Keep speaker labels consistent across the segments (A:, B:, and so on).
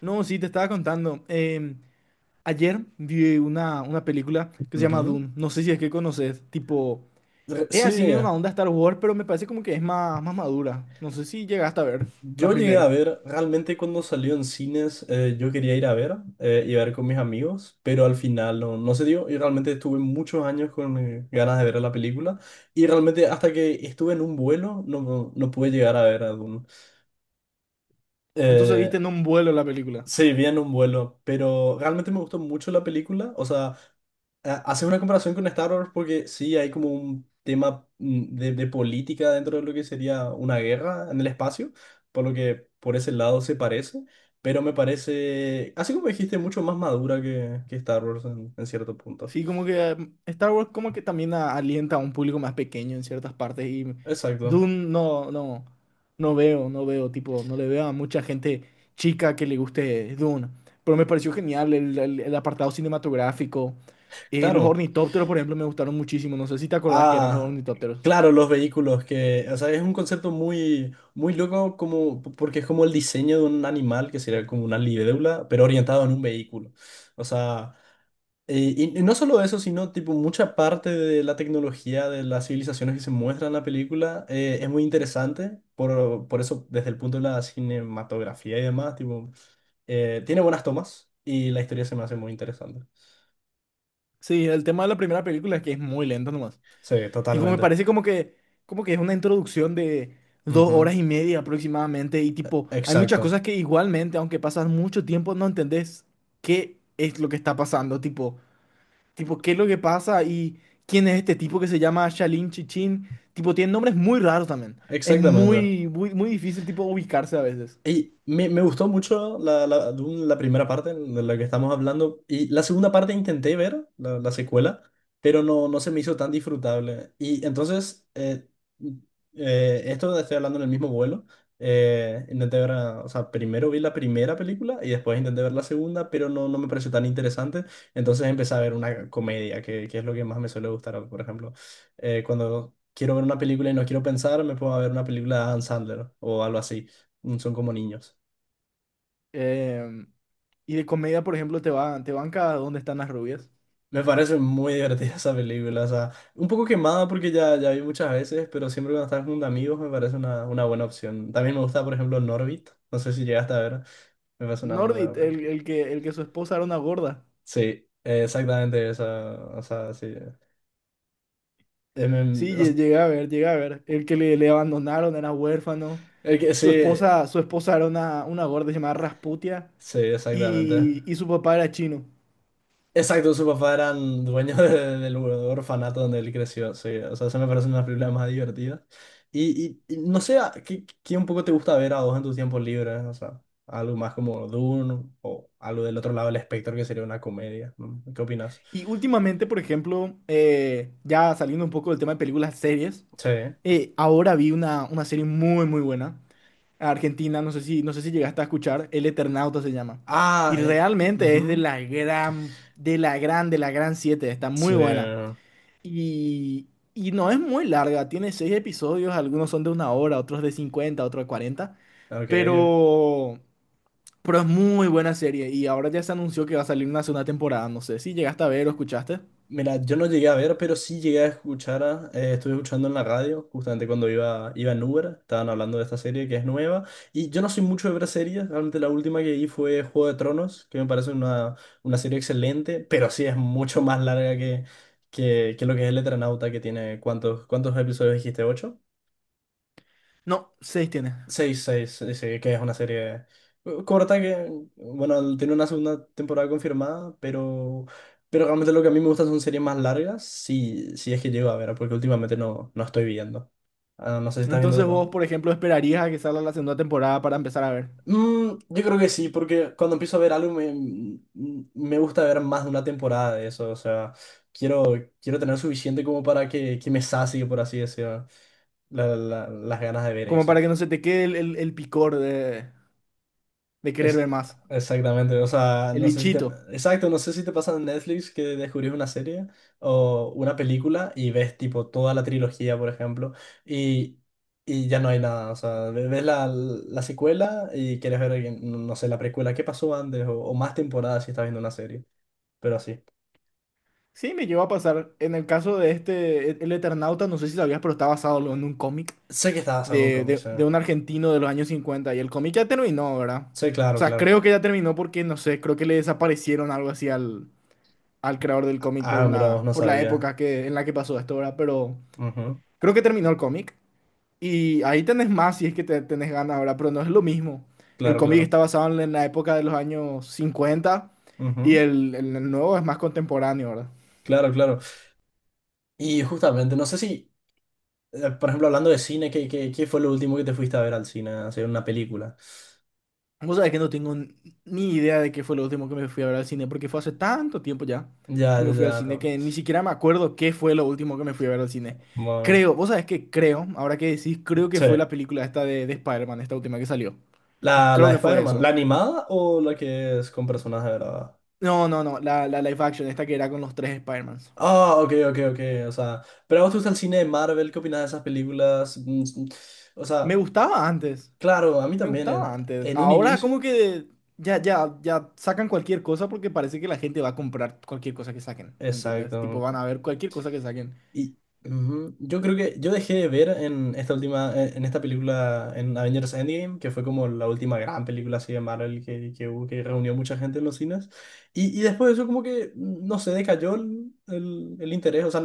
A: No, sí, te estaba contando. Ayer vi una película que se llama
B: Ujú.
A: Dune. No sé si es que conoces. Tipo, es
B: Sí,
A: así medio una onda Star Wars, pero me parece como que es más madura. No sé si llegaste a ver la
B: yo llegué a
A: primera.
B: ver, realmente cuando salió en cines yo quería ir a ver y ver con mis amigos, pero al final no se dio y realmente estuve muchos años con ganas de ver la película y realmente hasta que estuve en un vuelo no pude llegar a ver a Dune.
A: Entonces
B: Eh,
A: viste en un vuelo la película.
B: sí, vi en un vuelo, pero realmente me gustó mucho la película, o sea... haces una comparación con Star Wars porque sí hay como un tema de política dentro de lo que sería una guerra en el espacio, por lo que por ese lado se parece, pero me parece, así como dijiste, mucho más madura que Star Wars en cierto punto.
A: Sí, como que Star Wars como que también alienta a un público más pequeño en ciertas partes, y
B: Exacto.
A: Dune no, no, no veo, tipo, no le veo a mucha gente chica que le guste Dune. Pero me pareció genial el apartado cinematográfico. Los
B: Claro.
A: ornitópteros, por ejemplo, me gustaron muchísimo. No sé si te acordás que eran los
B: Ah,
A: ornitópteros.
B: claro, los vehículos que, o sea, es un concepto muy loco como, porque es como el diseño de un animal que sería como una libélula, pero orientado en un vehículo. O sea... y no solo eso, sino tipo mucha parte de la tecnología de las civilizaciones que se muestran en la película es muy interesante, por eso desde el punto de la cinematografía y demás, tipo, tiene buenas tomas y la historia se me hace muy interesante.
A: Sí, el tema de la primera película es que es muy lento nomás.
B: Sí,
A: Tipo, me
B: totalmente.
A: parece como que es una introducción de dos horas
B: Ujú.
A: y media aproximadamente. Y tipo, hay muchas
B: Exacto,
A: cosas que igualmente, aunque pasas mucho tiempo, no entendés qué es lo que está pasando. Tipo, qué es lo que pasa y quién es este tipo que se llama Shalin Chichin. Tipo, tiene nombres muy raros también. Es
B: exactamente.
A: muy, muy, muy difícil, tipo, ubicarse a veces.
B: Y me gustó mucho Dune, la primera parte de la que estamos hablando. Y la segunda parte intenté ver, la secuela, pero no se me hizo tan disfrutable. Y entonces, esto estoy hablando en el mismo vuelo. Intenté ver, o sea, primero vi la primera película y después intenté ver la segunda, pero no me pareció tan interesante. Entonces empecé a ver una comedia, que es lo que más me suele gustar, por ejemplo. Cuando quiero ver una película y no quiero pensar, me puedo ver una película de Adam Sandler o algo así. Son como niños.
A: Em, y de comedia, por ejemplo, te banca ¿Dónde están las rubias?
B: Me parece muy divertida esa película. O sea, un poco quemada porque ya vi muchas veces, pero siempre cuando estás con amigos me parece una buena opción. También me gusta, por ejemplo, Norbit. No sé si llegaste a ver. Me parece una muy
A: Nordit,
B: buena
A: el,
B: película.
A: el que, el que su esposa era una gorda.
B: Sí, exactamente esa. O sea, sí. Eh, me-
A: Sí,
B: o s-
A: llegué a ver. El que le abandonaron era huérfano.
B: el que,
A: Su
B: sí,
A: esposa, su esposa era una gorda llamada Rasputia
B: sí, exactamente.
A: y su papá era chino.
B: Exacto, su papá era dueño del orfanato donde él creció, sí. O sea, eso me parece una película más divertida. Y no sé, ¿a ¿qué, qué un poco te gusta ver a vos en tus tiempos libres? O sea, algo más como Dune o algo del otro lado del espectro que sería una comedia. ¿No? ¿Qué opinas?
A: Y últimamente, por ejemplo, ya saliendo un poco del tema de películas, series,
B: Sí.
A: ahora vi una serie muy, muy buena. Argentina, no sé si llegaste a escuchar, El Eternauta se llama. Y
B: Ah,
A: realmente es de
B: ujú.
A: la gran, de la gran, de la gran siete, está muy
B: Sí.
A: buena.
B: Ok,
A: Y no es muy larga, tiene seis episodios, algunos son de una hora, otros de 50, otros de 40,
B: ok.
A: pero, pero es muy buena serie y ahora ya se anunció que va a salir una segunda temporada, no sé si llegaste a ver o escuchaste.
B: Mira, yo no llegué a ver, pero sí llegué a escuchar, estuve escuchando en la radio, justamente cuando iba en Uber, estaban hablando de esta serie que es nueva, y yo no soy mucho de ver series, realmente la última que vi fue Juego de Tronos, que me parece una serie excelente, pero sí es mucho más larga que lo que es El Eternauta, que tiene, cuántos episodios dijiste? ¿Ocho?
A: No, seis tiene.
B: Seis, seis, sí, sí, que es una serie corta que, bueno, tiene una segunda temporada confirmada, pero realmente lo que a mí me gusta son series más largas, si es que llego a ver, porque últimamente no estoy viendo. Ah, no sé si estás viendo
A: Entonces vos,
B: todo.
A: por ejemplo, esperarías a que salga la segunda temporada para empezar a ver,
B: Mm, yo creo que sí, porque cuando empiezo a ver algo me gusta ver más de una temporada de eso, o sea, quiero, quiero tener suficiente como para que me sacie, por así decirlo, las ganas de ver
A: como para
B: eso.
A: que no se te quede el picor de querer ver
B: Ex-
A: más,
B: Exactamente, o sea,
A: el
B: no sé si te...
A: bichito.
B: Exacto, no sé si te pasa en Netflix que descubrís una serie o una película y ves tipo toda la trilogía, por ejemplo, y, y ya no hay nada, o sea, ves la secuela y quieres ver, no sé, la precuela, qué pasó antes o más temporadas si estás viendo una serie, pero así.
A: Sí, me llegó a pasar. En el caso de este, El Eternauta, no sé si sabías, pero está basado en un cómic
B: Sé que estaba haciendo un
A: de,
B: cómic,
A: de-
B: sí.
A: de un argentino de los años 50, y el cómic ya terminó, ¿verdad?
B: Sí,
A: O
B: claro,
A: sea,
B: claro.
A: creo que ya terminó porque, no sé, creo que le desaparecieron algo así al creador del cómic
B: Ah, mira, vos no
A: por la
B: sabía.
A: época que, en la que pasó esto, ¿verdad? Pero
B: Ujú.
A: creo que terminó el cómic, y ahí tenés más si es que tenés ganas, ¿verdad? Pero no es lo mismo. El
B: Claro,
A: cómic
B: claro.
A: está basado en la época de los años 50, y
B: Ujú.
A: el nuevo es más contemporáneo, ¿verdad?
B: Claro, claro. Y justamente, no sé si... Por ejemplo, hablando de cine, qué fue lo último que te fuiste a ver al cine? Hacer una película.
A: Vos sabés que no tengo ni idea de qué fue lo último que me fui a ver al cine, porque fue hace tanto tiempo ya
B: Ya,
A: que
B: ya,
A: me fui al cine
B: ya.
A: que ni siquiera me acuerdo qué fue lo último que me fui a ver al cine.
B: Bueno,
A: Creo, vos sabés que creo, ahora que decís, creo que
B: sí.
A: fue la película esta de Spider-Man, esta última que salió.
B: La
A: Creo
B: de
A: que fue
B: Spider-Man,
A: eso.
B: ¿la animada o la que es con personajes de verdad?
A: No, no, no, la live action, esta que era con los tres Spider-Mans.
B: Ah, ok, ok, ok. O sea, pero a vos te gusta el cine de Marvel, ¿qué opinas de esas películas? Mm, mm, o
A: Me
B: sea,
A: gustaba antes,
B: claro, a mí
A: me
B: también
A: gustaba antes.
B: en un
A: Ahora
B: inicio.
A: como que ya, ya, ya sacan cualquier cosa porque parece que la gente va a comprar cualquier cosa que saquen, ¿entendés? Tipo,
B: Exacto.
A: van a ver cualquier cosa que saquen.
B: Y ujú, yo creo que yo dejé de ver en esta última, en esta película, en Avengers Endgame, que fue como la última gran película así de Marvel que hubo, que reunió mucha gente en los cines. Y después de eso como que, no sé, decayó el interés, o sea,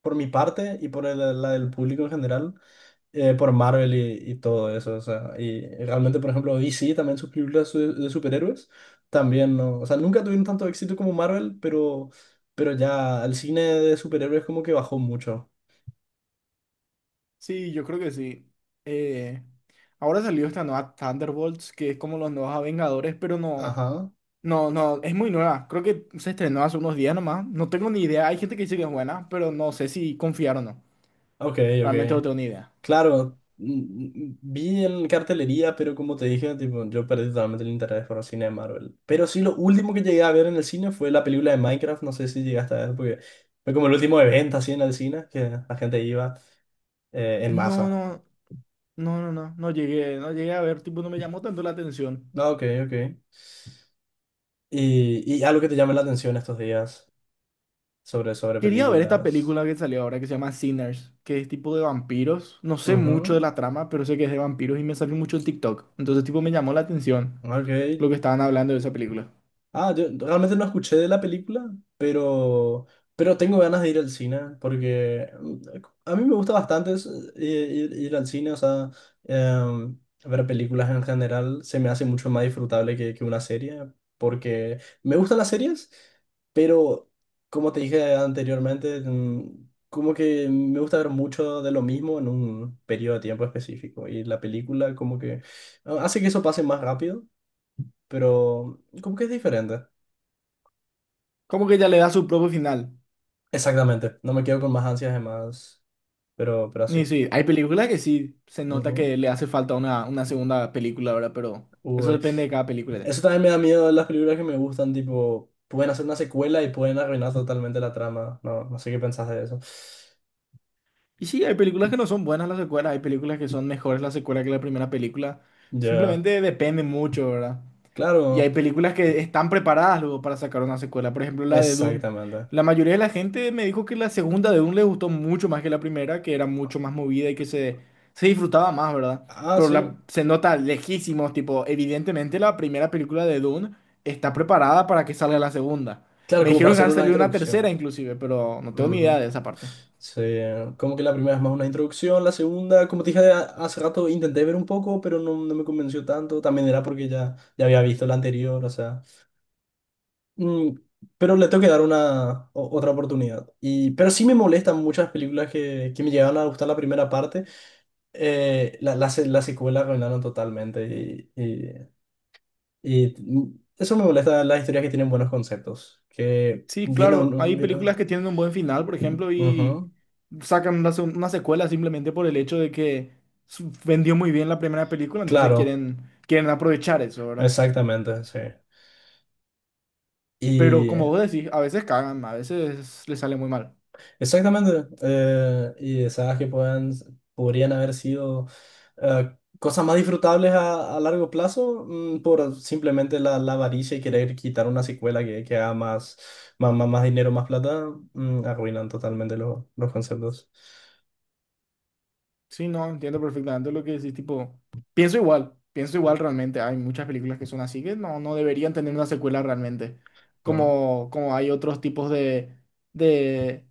B: por mi parte y por la del público en general por Marvel y todo eso, o sea, y realmente, por ejemplo, DC también sus películas de superhéroes, también, ¿no? O sea, nunca tuvieron tanto éxito como Marvel, pero ya el cine de superhéroes como que bajó mucho.
A: Sí, yo creo que sí. Eh, ahora salió esta nueva Thunderbolts, que es como los nuevos Vengadores, pero no,
B: Ajá,
A: no, no, es muy nueva. Creo que se estrenó hace unos días nomás. No tengo ni idea. Hay gente que dice que es buena, pero no sé si confiar o no.
B: ok,
A: Realmente no
B: ok.
A: tengo ni idea.
B: Claro, mm, mm, vi en cartelería, pero como te dije, tipo, yo perdí totalmente el interés por el cine de Marvel. Pero sí, lo último que llegué a ver en el cine fue la película de Minecraft, no sé si llegaste a ver, porque fue como el último evento así en el cine, que la gente iba en
A: No, no,
B: masa.
A: no, no, no, no llegué a ver, tipo, no me llamó tanto la atención.
B: Ah, ok, ok. Y algo que te llame la atención estos días sobre, sobre
A: Quería ver esta
B: películas.
A: película que salió ahora que se llama Sinners, que es tipo de vampiros. No sé mucho de
B: Ujú.
A: la trama, pero sé que es de vampiros y me salió mucho el TikTok. Entonces, tipo, me llamó la atención
B: Ok.
A: lo que estaban hablando de esa película.
B: Ah, yo realmente no escuché de la película, pero, pero tengo ganas de ir al cine, porque a mí me gusta bastante ir al cine, o sea, em, ver películas en general se me hace mucho más disfrutable que una serie, porque me gustan las series, pero como te dije anteriormente, mm, como que me gusta ver mucho de lo mismo en un periodo de tiempo específico, y la película como que hace que eso pase más rápido, pero como que es diferente.
A: Como que ya le da su propio final.
B: Exactamente, no me quedo con más ansias de más, pero
A: Y
B: así.
A: sí, hay películas que sí se nota
B: Ujú.
A: que le hace falta una segunda película, ¿verdad? Pero eso
B: Uy.
A: depende de cada película.
B: Eso también me da miedo de las películas que me gustan, tipo, pueden hacer una secuela y pueden arruinar totalmente la trama. No sé qué pensás de eso.
A: Y sí, hay películas que no son buenas las secuelas, hay películas que son mejores las secuelas que la primera película.
B: Ya,
A: Simplemente depende mucho, ¿verdad? Y
B: claro,
A: hay películas que están preparadas luego para sacar una secuela. Por ejemplo, la de Dune.
B: exactamente.
A: La mayoría de la gente me dijo que la segunda de Dune le gustó mucho más que la primera, que era mucho más movida y que se disfrutaba más, ¿verdad?
B: Ah,
A: Pero
B: sí,
A: se nota lejísimos, tipo, evidentemente la primera película de Dune está preparada para que salga la segunda.
B: claro,
A: Me
B: como para
A: dijeron que
B: hacer
A: van a
B: una
A: salir una tercera
B: introducción.
A: inclusive, pero no tengo ni idea
B: Ujú.
A: de esa parte.
B: Sí, como que la primera es más una introducción, la segunda, como te dije hace rato, intenté ver un poco, pero no me convenció tanto. También era porque ya había visto la anterior, o sea. Mm, pero le tengo que dar una otra oportunidad. Y, pero sí me molestan muchas películas que me llegaron a gustar la primera parte. La secuela arruinaron totalmente. Eso me molesta de las historias que tienen buenos conceptos. Que
A: Sí,
B: viene un...
A: claro, hay
B: viene-
A: películas que tienen un buen final, por ejemplo, y
B: Ujú,
A: sacan una secuela simplemente por el hecho de que vendió muy bien la primera película, entonces
B: claro,
A: quieren, quieren aprovechar eso, ¿verdad?
B: exactamente,
A: Pero
B: sí.
A: como vos decís, a veces cagan, a veces les sale muy mal.
B: Exactamente. Y esas que pueden, podrían haber sido cosas más disfrutables a largo plazo por simplemente la avaricia y querer quitar una secuela que haga más dinero, más plata, mm, arruinan totalmente los conceptos.
A: Sí, no, entiendo perfectamente lo que decís, tipo, pienso igual realmente, hay muchas películas que son así que no deberían tener una secuela realmente,
B: No,
A: como hay otros tipos de... de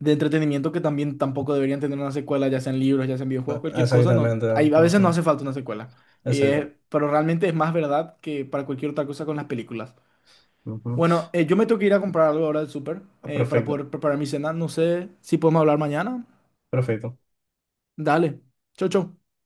A: de entretenimiento que también tampoco deberían tener una secuela, ya sean libros, ya sean videojuegos, cualquier cosa, no,
B: exactamente.
A: hay, a veces no
B: Ujú.
A: hace falta una secuela. Y es-
B: Exacto.
A: pero realmente es más verdad que para cualquier otra cosa con las películas.
B: Ujú.
A: Bueno, yo me tengo que ir a comprar algo ahora del súper, para
B: Perfecto.
A: poder preparar mi cena. No sé si podemos hablar mañana.
B: Perfecto.
A: Dale. Chau, chau.